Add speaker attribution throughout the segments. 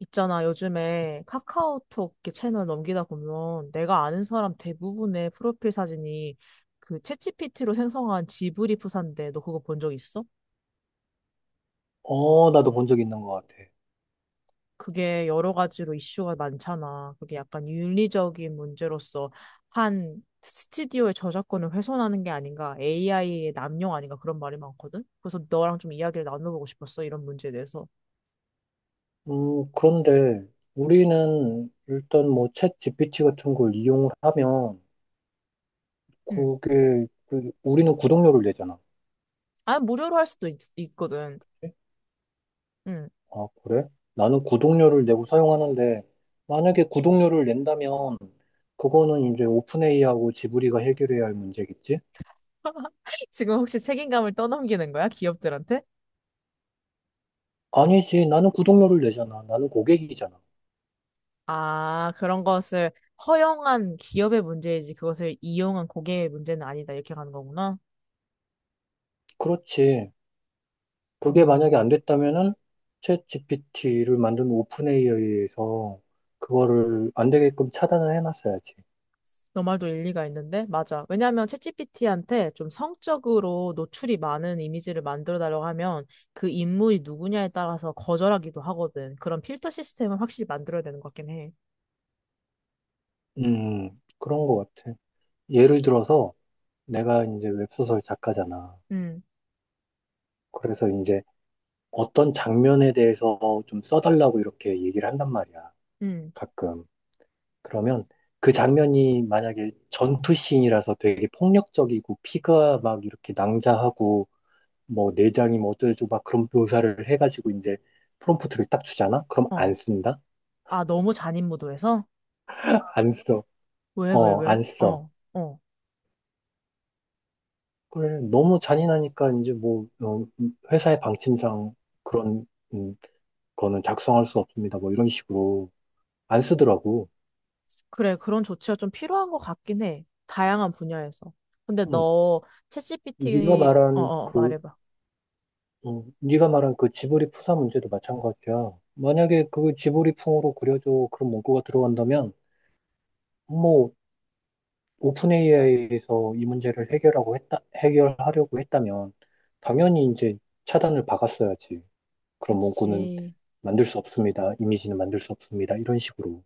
Speaker 1: 있잖아, 요즘에 카카오톡 이렇게 채널 넘기다 보면 내가 아는 사람 대부분의 프로필 사진이 그 챗GPT로 생성한 지브리 프사인데 너 그거 본 적 있어?
Speaker 2: 어, 나도 본 적 있는 것 같아.
Speaker 1: 그게 여러 가지로 이슈가 많잖아. 그게 약간 윤리적인 문제로서 한 스튜디오의 저작권을 훼손하는 게 아닌가, AI의 남용 아닌가 그런 말이 많거든? 그래서 너랑 좀 이야기를 나눠보고 싶었어, 이런 문제에 대해서.
Speaker 2: 그런데 우리는 일단 뭐 챗 GPT 같은 걸 이용을 하면
Speaker 1: 응.
Speaker 2: 그게 그 우리는 구독료를 내잖아.
Speaker 1: 아, 무료로 할 수도 있거든.
Speaker 2: 그치?
Speaker 1: 응.
Speaker 2: 아, 그래? 나는 구독료를 내고 사용하는데 만약에 구독료를 낸다면 그거는 이제 오픈AI하고 지브리가 해결해야 할 문제겠지?
Speaker 1: 지금 혹시 책임감을 떠넘기는 거야, 기업들한테?
Speaker 2: 아니지. 나는 구독료를 내잖아. 나는 고객이잖아.
Speaker 1: 아, 그런 것을 허용한 기업의 문제이지 그것을 이용한 고객의 문제는 아니다. 이렇게 가는 거구나.
Speaker 2: 그렇지. 그게 만약에
Speaker 1: 음,
Speaker 2: 안 됐다면은 챗 GPT를 만든 오픈 AI에서 그거를 안 되게끔 차단을 해놨어야지.
Speaker 1: 너 말도 일리가 있는데? 맞아. 왜냐하면 챗GPT한테 좀 성적으로 노출이 많은 이미지를 만들어 달라고 하면 그 인물이 누구냐에 따라서 거절하기도 하거든. 그런 필터 시스템을 확실히 만들어야 되는 것 같긴 해.
Speaker 2: 음, 그런 것 같아. 예를 들어서 내가 이제 웹소설 작가잖아.
Speaker 1: 음,
Speaker 2: 그래서 이제 어떤 장면에 대해서 좀 써달라고 이렇게 얘기를 한단 말이야.
Speaker 1: 음,
Speaker 2: 가끔. 그러면 그 장면이 만약에 전투씬이라서 되게 폭력적이고 피가 막 이렇게 낭자하고 뭐 내장이 뭐 어쩌고 막 그런 묘사를 해가지고 이제 프롬프트를 딱 주잖아? 그럼 안
Speaker 1: 어.
Speaker 2: 쓴다?
Speaker 1: 아, 너무 잔인무도해서?
Speaker 2: 안 써.
Speaker 1: 왜, 왜, 왜?
Speaker 2: 안 써.
Speaker 1: 어, 어.
Speaker 2: 그래, 너무 잔인하니까 이제 뭐 회사의 방침상 그런 음, 거는 작성할 수 없습니다. 뭐 이런 식으로 안 쓰더라고.
Speaker 1: 그래, 그런 조치가 좀 필요한 것 같긴 해. 다양한 분야에서. 근데
Speaker 2: 음,
Speaker 1: 너,
Speaker 2: 네가
Speaker 1: 챗GPT,
Speaker 2: 말한 그
Speaker 1: 말해봐.
Speaker 2: 네가 말한 그 지브리 푸사 문제도 마찬가지야. 만약에 그 지브리 풍으로 그려줘 그런 문구가 들어간다면 뭐 오픈 AI에서 이 문제를 해결하고 했다, 해결하려고 했다면 당연히 이제 차단을 박았어야지. 그런 문구는
Speaker 1: 그치.
Speaker 2: 만들 수 없습니다. 이미지는 만들 수 없습니다. 이런 식으로.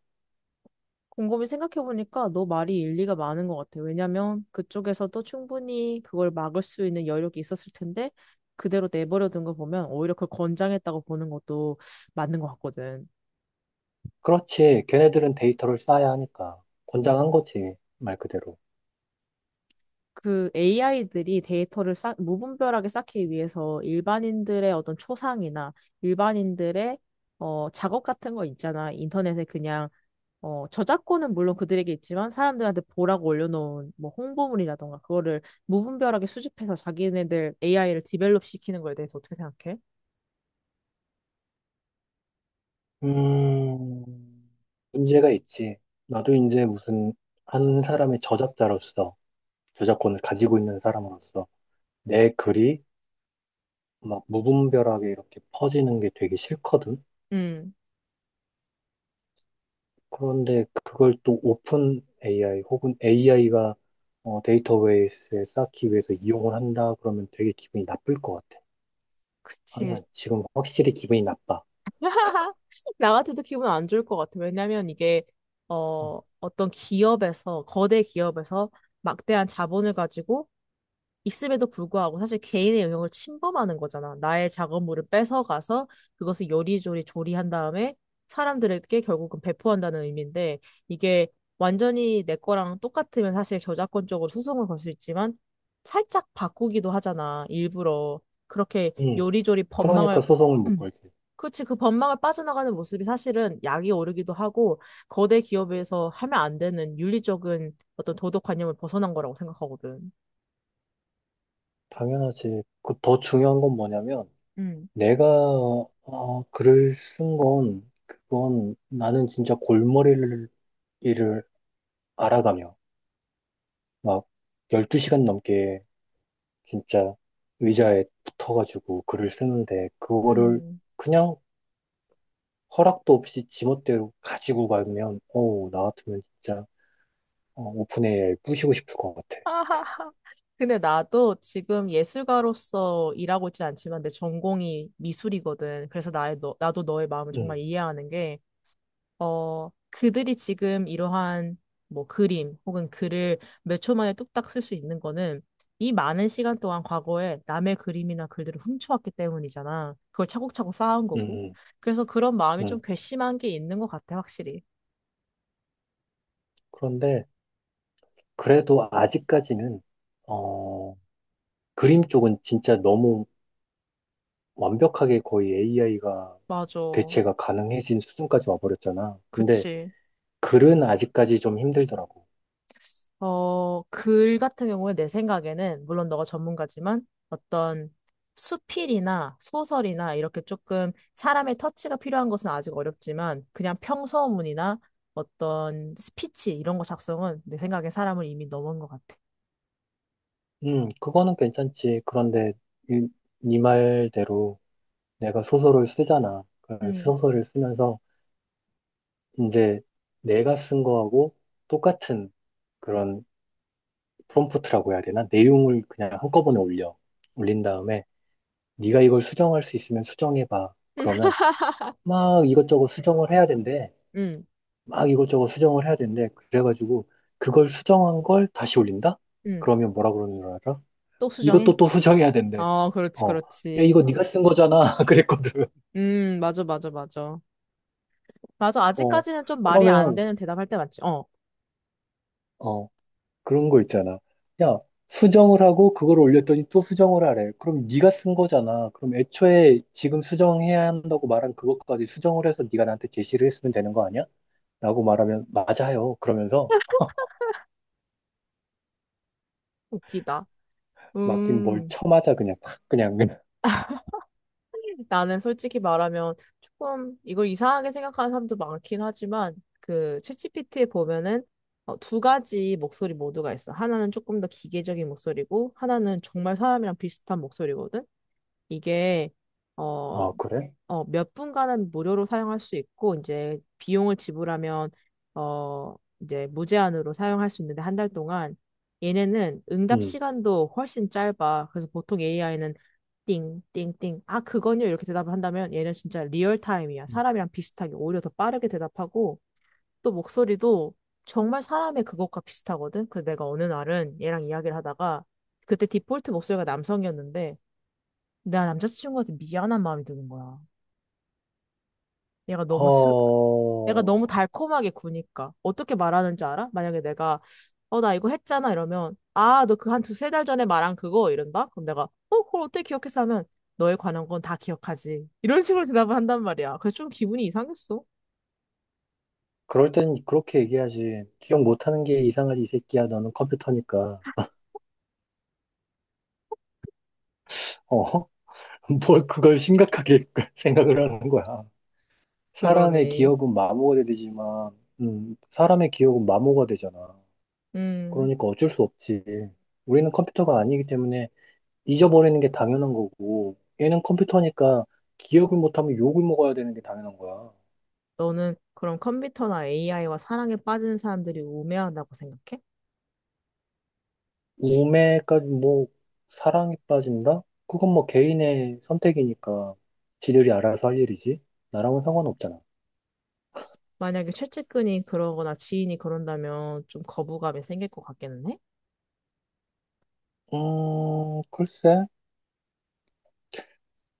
Speaker 1: 곰곰이 생각해보니까 너 말이 일리가 많은 것 같아. 왜냐면 그쪽에서도 충분히 그걸 막을 수 있는 여력이 있었을 텐데, 그대로 내버려둔 거 보면 오히려 그걸 권장했다고 보는 것도 맞는 것 같거든.
Speaker 2: 그렇지. 걔네들은 데이터를 쌓아야 하니까 권장한 거지. 말 그대로.
Speaker 1: 그 AI들이 데이터를 무분별하게 쌓기 위해서 일반인들의 어떤 초상이나 일반인들의 작업 같은 거 있잖아. 인터넷에 그냥 저작권은 물론 그들에게 있지만 사람들한테 보라고 올려놓은 뭐 홍보물이라던가 그거를 무분별하게 수집해서 자기네들 AI를 디벨롭 시키는 거에 대해서 어떻게 생각해?
Speaker 2: 음, 문제가 있지. 나도 이제 무슨 한 사람의 저작자로서 저작권을 가지고 있는 사람으로서 내 글이 막 무분별하게 이렇게 퍼지는 게 되게 싫거든.
Speaker 1: 음,
Speaker 2: 그런데 그걸 또 오픈 AI 혹은 AI가 데이터 베이스에 쌓기 위해서 이용을 한다 그러면 되게 기분이 나쁠 것 같아.
Speaker 1: 그치.
Speaker 2: 아니야, 지금 확실히 기분이 나빠.
Speaker 1: 나 같아도 기분 안 좋을 것 같아. 왜냐면 이게,
Speaker 2: 어.
Speaker 1: 어떤 기업에서, 거대 기업에서 막대한 자본을 가지고 있음에도 불구하고 사실 개인의 영역을 침범하는 거잖아. 나의 작업물을 뺏어가서 그것을 요리조리 조리한 다음에 사람들에게 결국은 배포한다는 의미인데 이게 완전히 내 거랑 똑같으면 사실 저작권적으로 소송을 걸 수 있지만 살짝 바꾸기도 하잖아. 일부러. 그렇게
Speaker 2: 응,
Speaker 1: 요리조리 법망을
Speaker 2: 그러니까 소송을 못
Speaker 1: 음,
Speaker 2: 걸지.
Speaker 1: 그렇지. 그 법망을 빠져나가는 모습이 사실은 약이 오르기도 하고 거대 기업에서 하면 안 되는 윤리적인 어떤 도덕관념을 벗어난 거라고 생각하거든.
Speaker 2: 당연하지. 그 더 중요한 건 뭐냐면
Speaker 1: 음.
Speaker 2: 내가 글을 쓴 건 그건 나는 진짜 골머리를 일을 알아가며 막 12시간 넘게 진짜 의자에 붙어가지고 글을 쓰는데 그거를
Speaker 1: 음.
Speaker 2: 그냥 허락도 없이 지멋대로 가지고 가면 어우 나 같으면 진짜 오픈 AI 부시고 싶을 것 같아.
Speaker 1: 근데 나도 지금 예술가로서 일하고 있진 않지만 내 전공이 미술이거든. 그래서 나도 너의 마음을 정말
Speaker 2: 음,
Speaker 1: 이해하는 게, 그들이 지금 이러한 뭐 그림 혹은 글을 몇 초 만에 뚝딱 쓸 수 있는 거는 이 많은 시간 동안 과거에 남의 그림이나 글들을 훔쳐왔기 때문이잖아. 그걸 차곡차곡 쌓은
Speaker 2: 음,
Speaker 1: 거고.
Speaker 2: 음.
Speaker 1: 그래서 그런 마음이 좀
Speaker 2: 음.
Speaker 1: 괘씸한 게 있는 것 같아, 확실히.
Speaker 2: 그런데 그래도 아직까지는 어, 그림 쪽은 진짜 너무 완벽하게 거의 AI가
Speaker 1: 맞아.
Speaker 2: 대체가 가능해진 수준까지 와버렸잖아. 근데
Speaker 1: 그치.
Speaker 2: 글은 아직까지 좀 힘들더라고.
Speaker 1: 글 같은 경우에 내 생각에는, 물론 너가 전문가지만 어떤 수필이나 소설이나 이렇게 조금 사람의 터치가 필요한 것은 아직 어렵지만 그냥 평서문이나 어떤 스피치 이런 거 작성은 내 생각에 사람을 이미 넘은 것 같아.
Speaker 2: 그거는 괜찮지. 그런데 이, 네 말대로 내가 소설을 쓰잖아. 그
Speaker 1: 음.
Speaker 2: 소설을 쓰면서 이제 내가 쓴 거하고 똑같은 그런 프롬프트라고 해야 되나? 내용을 그냥 한꺼번에 올려. 올린 다음에 네가 이걸 수정할 수 있으면 수정해봐.
Speaker 1: 음,
Speaker 2: 그러면 막 이것저것 수정을 해야 된대. 막 이것저것 수정을 해야 된대. 그래가지고 그걸 수정한 걸 다시 올린다?
Speaker 1: 음.
Speaker 2: 그러면 뭐라 그러는 줄 알아?
Speaker 1: 또
Speaker 2: 이것도
Speaker 1: 수정해?
Speaker 2: 또 수정해야 된대.
Speaker 1: 어, 그렇지,
Speaker 2: 어. 야,
Speaker 1: 그렇지.
Speaker 2: 이거 네가 쓴 거잖아. 그랬거든.
Speaker 1: 맞아, 맞아, 맞아. 맞아,
Speaker 2: 어.
Speaker 1: 아직까지는 좀 말이 안
Speaker 2: 그러면
Speaker 1: 되는 대답할 때 맞지? 어,
Speaker 2: 어, 그런 거 있잖아. 야, 수정을 하고 그걸 올렸더니 또 수정을 하래. 그럼 네가 쓴 거잖아. 그럼 애초에 지금 수정해야 한다고 말한 그것까지 수정을 해서 네가 나한테 제시를 했으면 되는 거 아니야? 라고 말하면 맞아요. 그러면서
Speaker 1: 웃기다.
Speaker 2: 맡긴 뭘
Speaker 1: 음.
Speaker 2: 쳐맞아 그냥 탁 그냥 그냥.
Speaker 1: 나는 솔직히 말하면 조금 이걸 이상하게 생각하는 사람도 많긴 하지만 그 챗GPT에 보면은 두 가지 목소리 모두가 있어. 하나는 조금 더 기계적인 목소리고 하나는 정말 사람이랑 비슷한 목소리거든. 이게 어,
Speaker 2: 아, 그래?
Speaker 1: 몇 분간은 무료로 사용할 수 있고 이제 비용을 지불하면 어, 이제 무제한으로 사용할 수 있는데 한 달 동안 얘네는 응답
Speaker 2: 응.
Speaker 1: 시간도 훨씬 짧아. 그래서 보통 AI는 띵띵띵. 아, 그건요. 이렇게 대답을 한다면 얘는 진짜 리얼타임이야.
Speaker 2: 음.
Speaker 1: 사람이랑 비슷하게 오히려 더 빠르게 대답하고 또 목소리도 정말 사람의 그것과 비슷하거든. 그래서 내가 어느 날은 얘랑 이야기를 하다가 그때 디폴트 목소리가 남성이었는데 나 남자친구한테 미안한 마음이 드는 거야. 얘가 너무 슬, 애가 너무
Speaker 2: 어,
Speaker 1: 달콤하게 구니까. 어떻게 말하는 줄 알아? 만약에 내가, 나 이거 했잖아. 이러면, 아, 너 그 한 두세 달 전에 말한 그거? 이런다? 그럼 내가, 그걸 어떻게 기억했어? 하면, 너에 관한 건 다 기억하지. 이런 식으로 대답을 한단 말이야. 그래서 좀 기분이 이상했어.
Speaker 2: 그럴 땐 그렇게 얘기하지. 기억 못하는 게 이상하지, 이 새끼야. 너는 컴퓨터니까. 어, 뭘 그걸 심각하게 생각을 하는 거야. 사람의
Speaker 1: 그러네.
Speaker 2: 기억은 마모가 되지만, 사람의 기억은 마모가 되잖아.
Speaker 1: 음,
Speaker 2: 그러니까 어쩔 수 없지. 우리는 컴퓨터가 아니기 때문에 잊어버리는 게 당연한 거고, 얘는 컴퓨터니까 기억을 못하면 욕을 먹어야 되는 게 당연한 거야.
Speaker 1: 너는 그럼 컴퓨터나 AI와 사랑에 빠지는 사람들이 우매하다고 생각해?
Speaker 2: 우매까지 뭐, 사랑에 빠진다? 그건 뭐 개인의 선택이니까 지들이 알아서 할 일이지. 나랑은 상관없잖아.
Speaker 1: 만약에 최측근이 그러거나 지인이 그런다면 좀 거부감이 생길 것 같기는 해?
Speaker 2: 글쎄.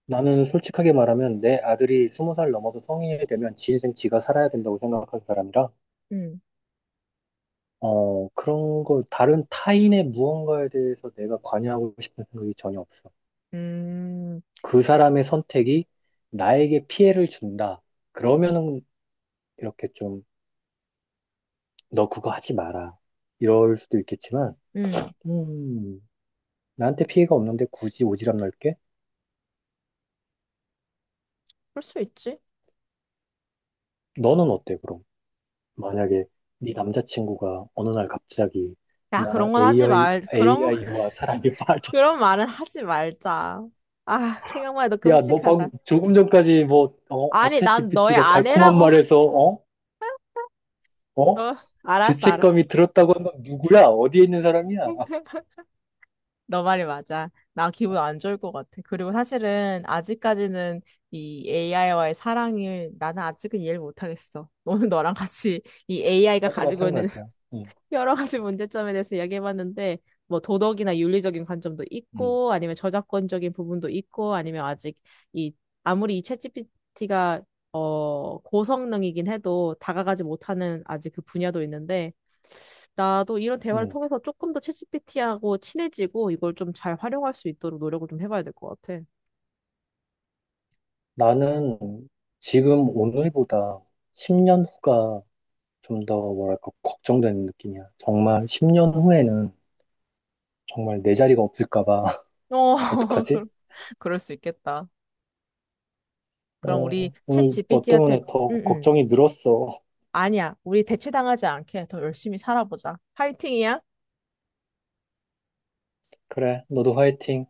Speaker 2: 나는 솔직하게 말하면 내 아들이 스무 살 넘어서 성인이 되면 지 인생 지가 살아야 된다고 생각하는 사람이라,
Speaker 1: 음,
Speaker 2: 그런 거, 다른 타인의 무언가에 대해서 내가 관여하고 싶은 생각이 전혀 없어.
Speaker 1: 음,
Speaker 2: 그 사람의 선택이 나에게 피해를 준다. 그러면은 이렇게 좀, 너 그거 하지 마라. 이럴 수도 있겠지만,
Speaker 1: 음,
Speaker 2: 음, 나한테 피해가 없는데 굳이 오지랖 넓게?
Speaker 1: 그럴 수 있지.
Speaker 2: 너는 어때, 그럼? 만약에 네 남자친구가 어느 날 갑자기
Speaker 1: 야,
Speaker 2: 나
Speaker 1: 그런 건 하지
Speaker 2: AI,
Speaker 1: 말, 그런,
Speaker 2: AI와 사랑에 빠졌어.
Speaker 1: 그런 말은 하지 말자. 아, 생각만 해도
Speaker 2: 야, 너
Speaker 1: 끔찍하다.
Speaker 2: 방금 조금 전까지 뭐,
Speaker 1: 아니, 난 너의
Speaker 2: 챗GPT가 달콤한
Speaker 1: 아내라고.
Speaker 2: 말에서, 어?
Speaker 1: 너,
Speaker 2: 어?
Speaker 1: 알았어, 알았어.
Speaker 2: 죄책감이 들었다고 한 건 누구야? 어디에 있는 사람이야?
Speaker 1: 너 말이 맞아. 나 기분 안 좋을 것 같아. 그리고 사실은 아직까지는 이 AI와의 사랑을 나는 아직은 이해를 못하겠어. 너는 너랑 같이 이 AI가
Speaker 2: 나도
Speaker 1: 가지고 있는
Speaker 2: 마찬가지야. 응,
Speaker 1: 여러 가지 문제점에 대해서 이야기해봤는데, 뭐 도덕이나 윤리적인 관점도
Speaker 2: 응,
Speaker 1: 있고, 아니면 저작권적인 부분도 있고, 아니면 아직 이, 아무리 이 챗GPT가 고성능이긴 해도 다가가지 못하는 아직 그 분야도 있는데, 나도 이런 대화를
Speaker 2: 응.
Speaker 1: 통해서 조금 더 챗GPT하고 친해지고 이걸 좀 잘 활용할 수 있도록 노력을 좀 해봐야 될 것 같아.
Speaker 2: 나는 지금 오늘보다 10년 후가 좀 더 뭐랄까, 걱정되는 느낌이야. 정말 10년 후에는 정말 내 자리가 없을까 봐.
Speaker 1: 어,
Speaker 2: 어떡하지?
Speaker 1: 그럴 그럴 수 있겠다. 그럼 우리
Speaker 2: 어,
Speaker 1: 챗
Speaker 2: 오늘 너
Speaker 1: GPT한테,
Speaker 2: 때문에
Speaker 1: 응,
Speaker 2: 더
Speaker 1: 응.
Speaker 2: 걱정이 늘었어.
Speaker 1: 아니야. 우리 대체당하지 않게 더 열심히 살아보자. 파이팅이야.
Speaker 2: 그래, 너도 화이팅.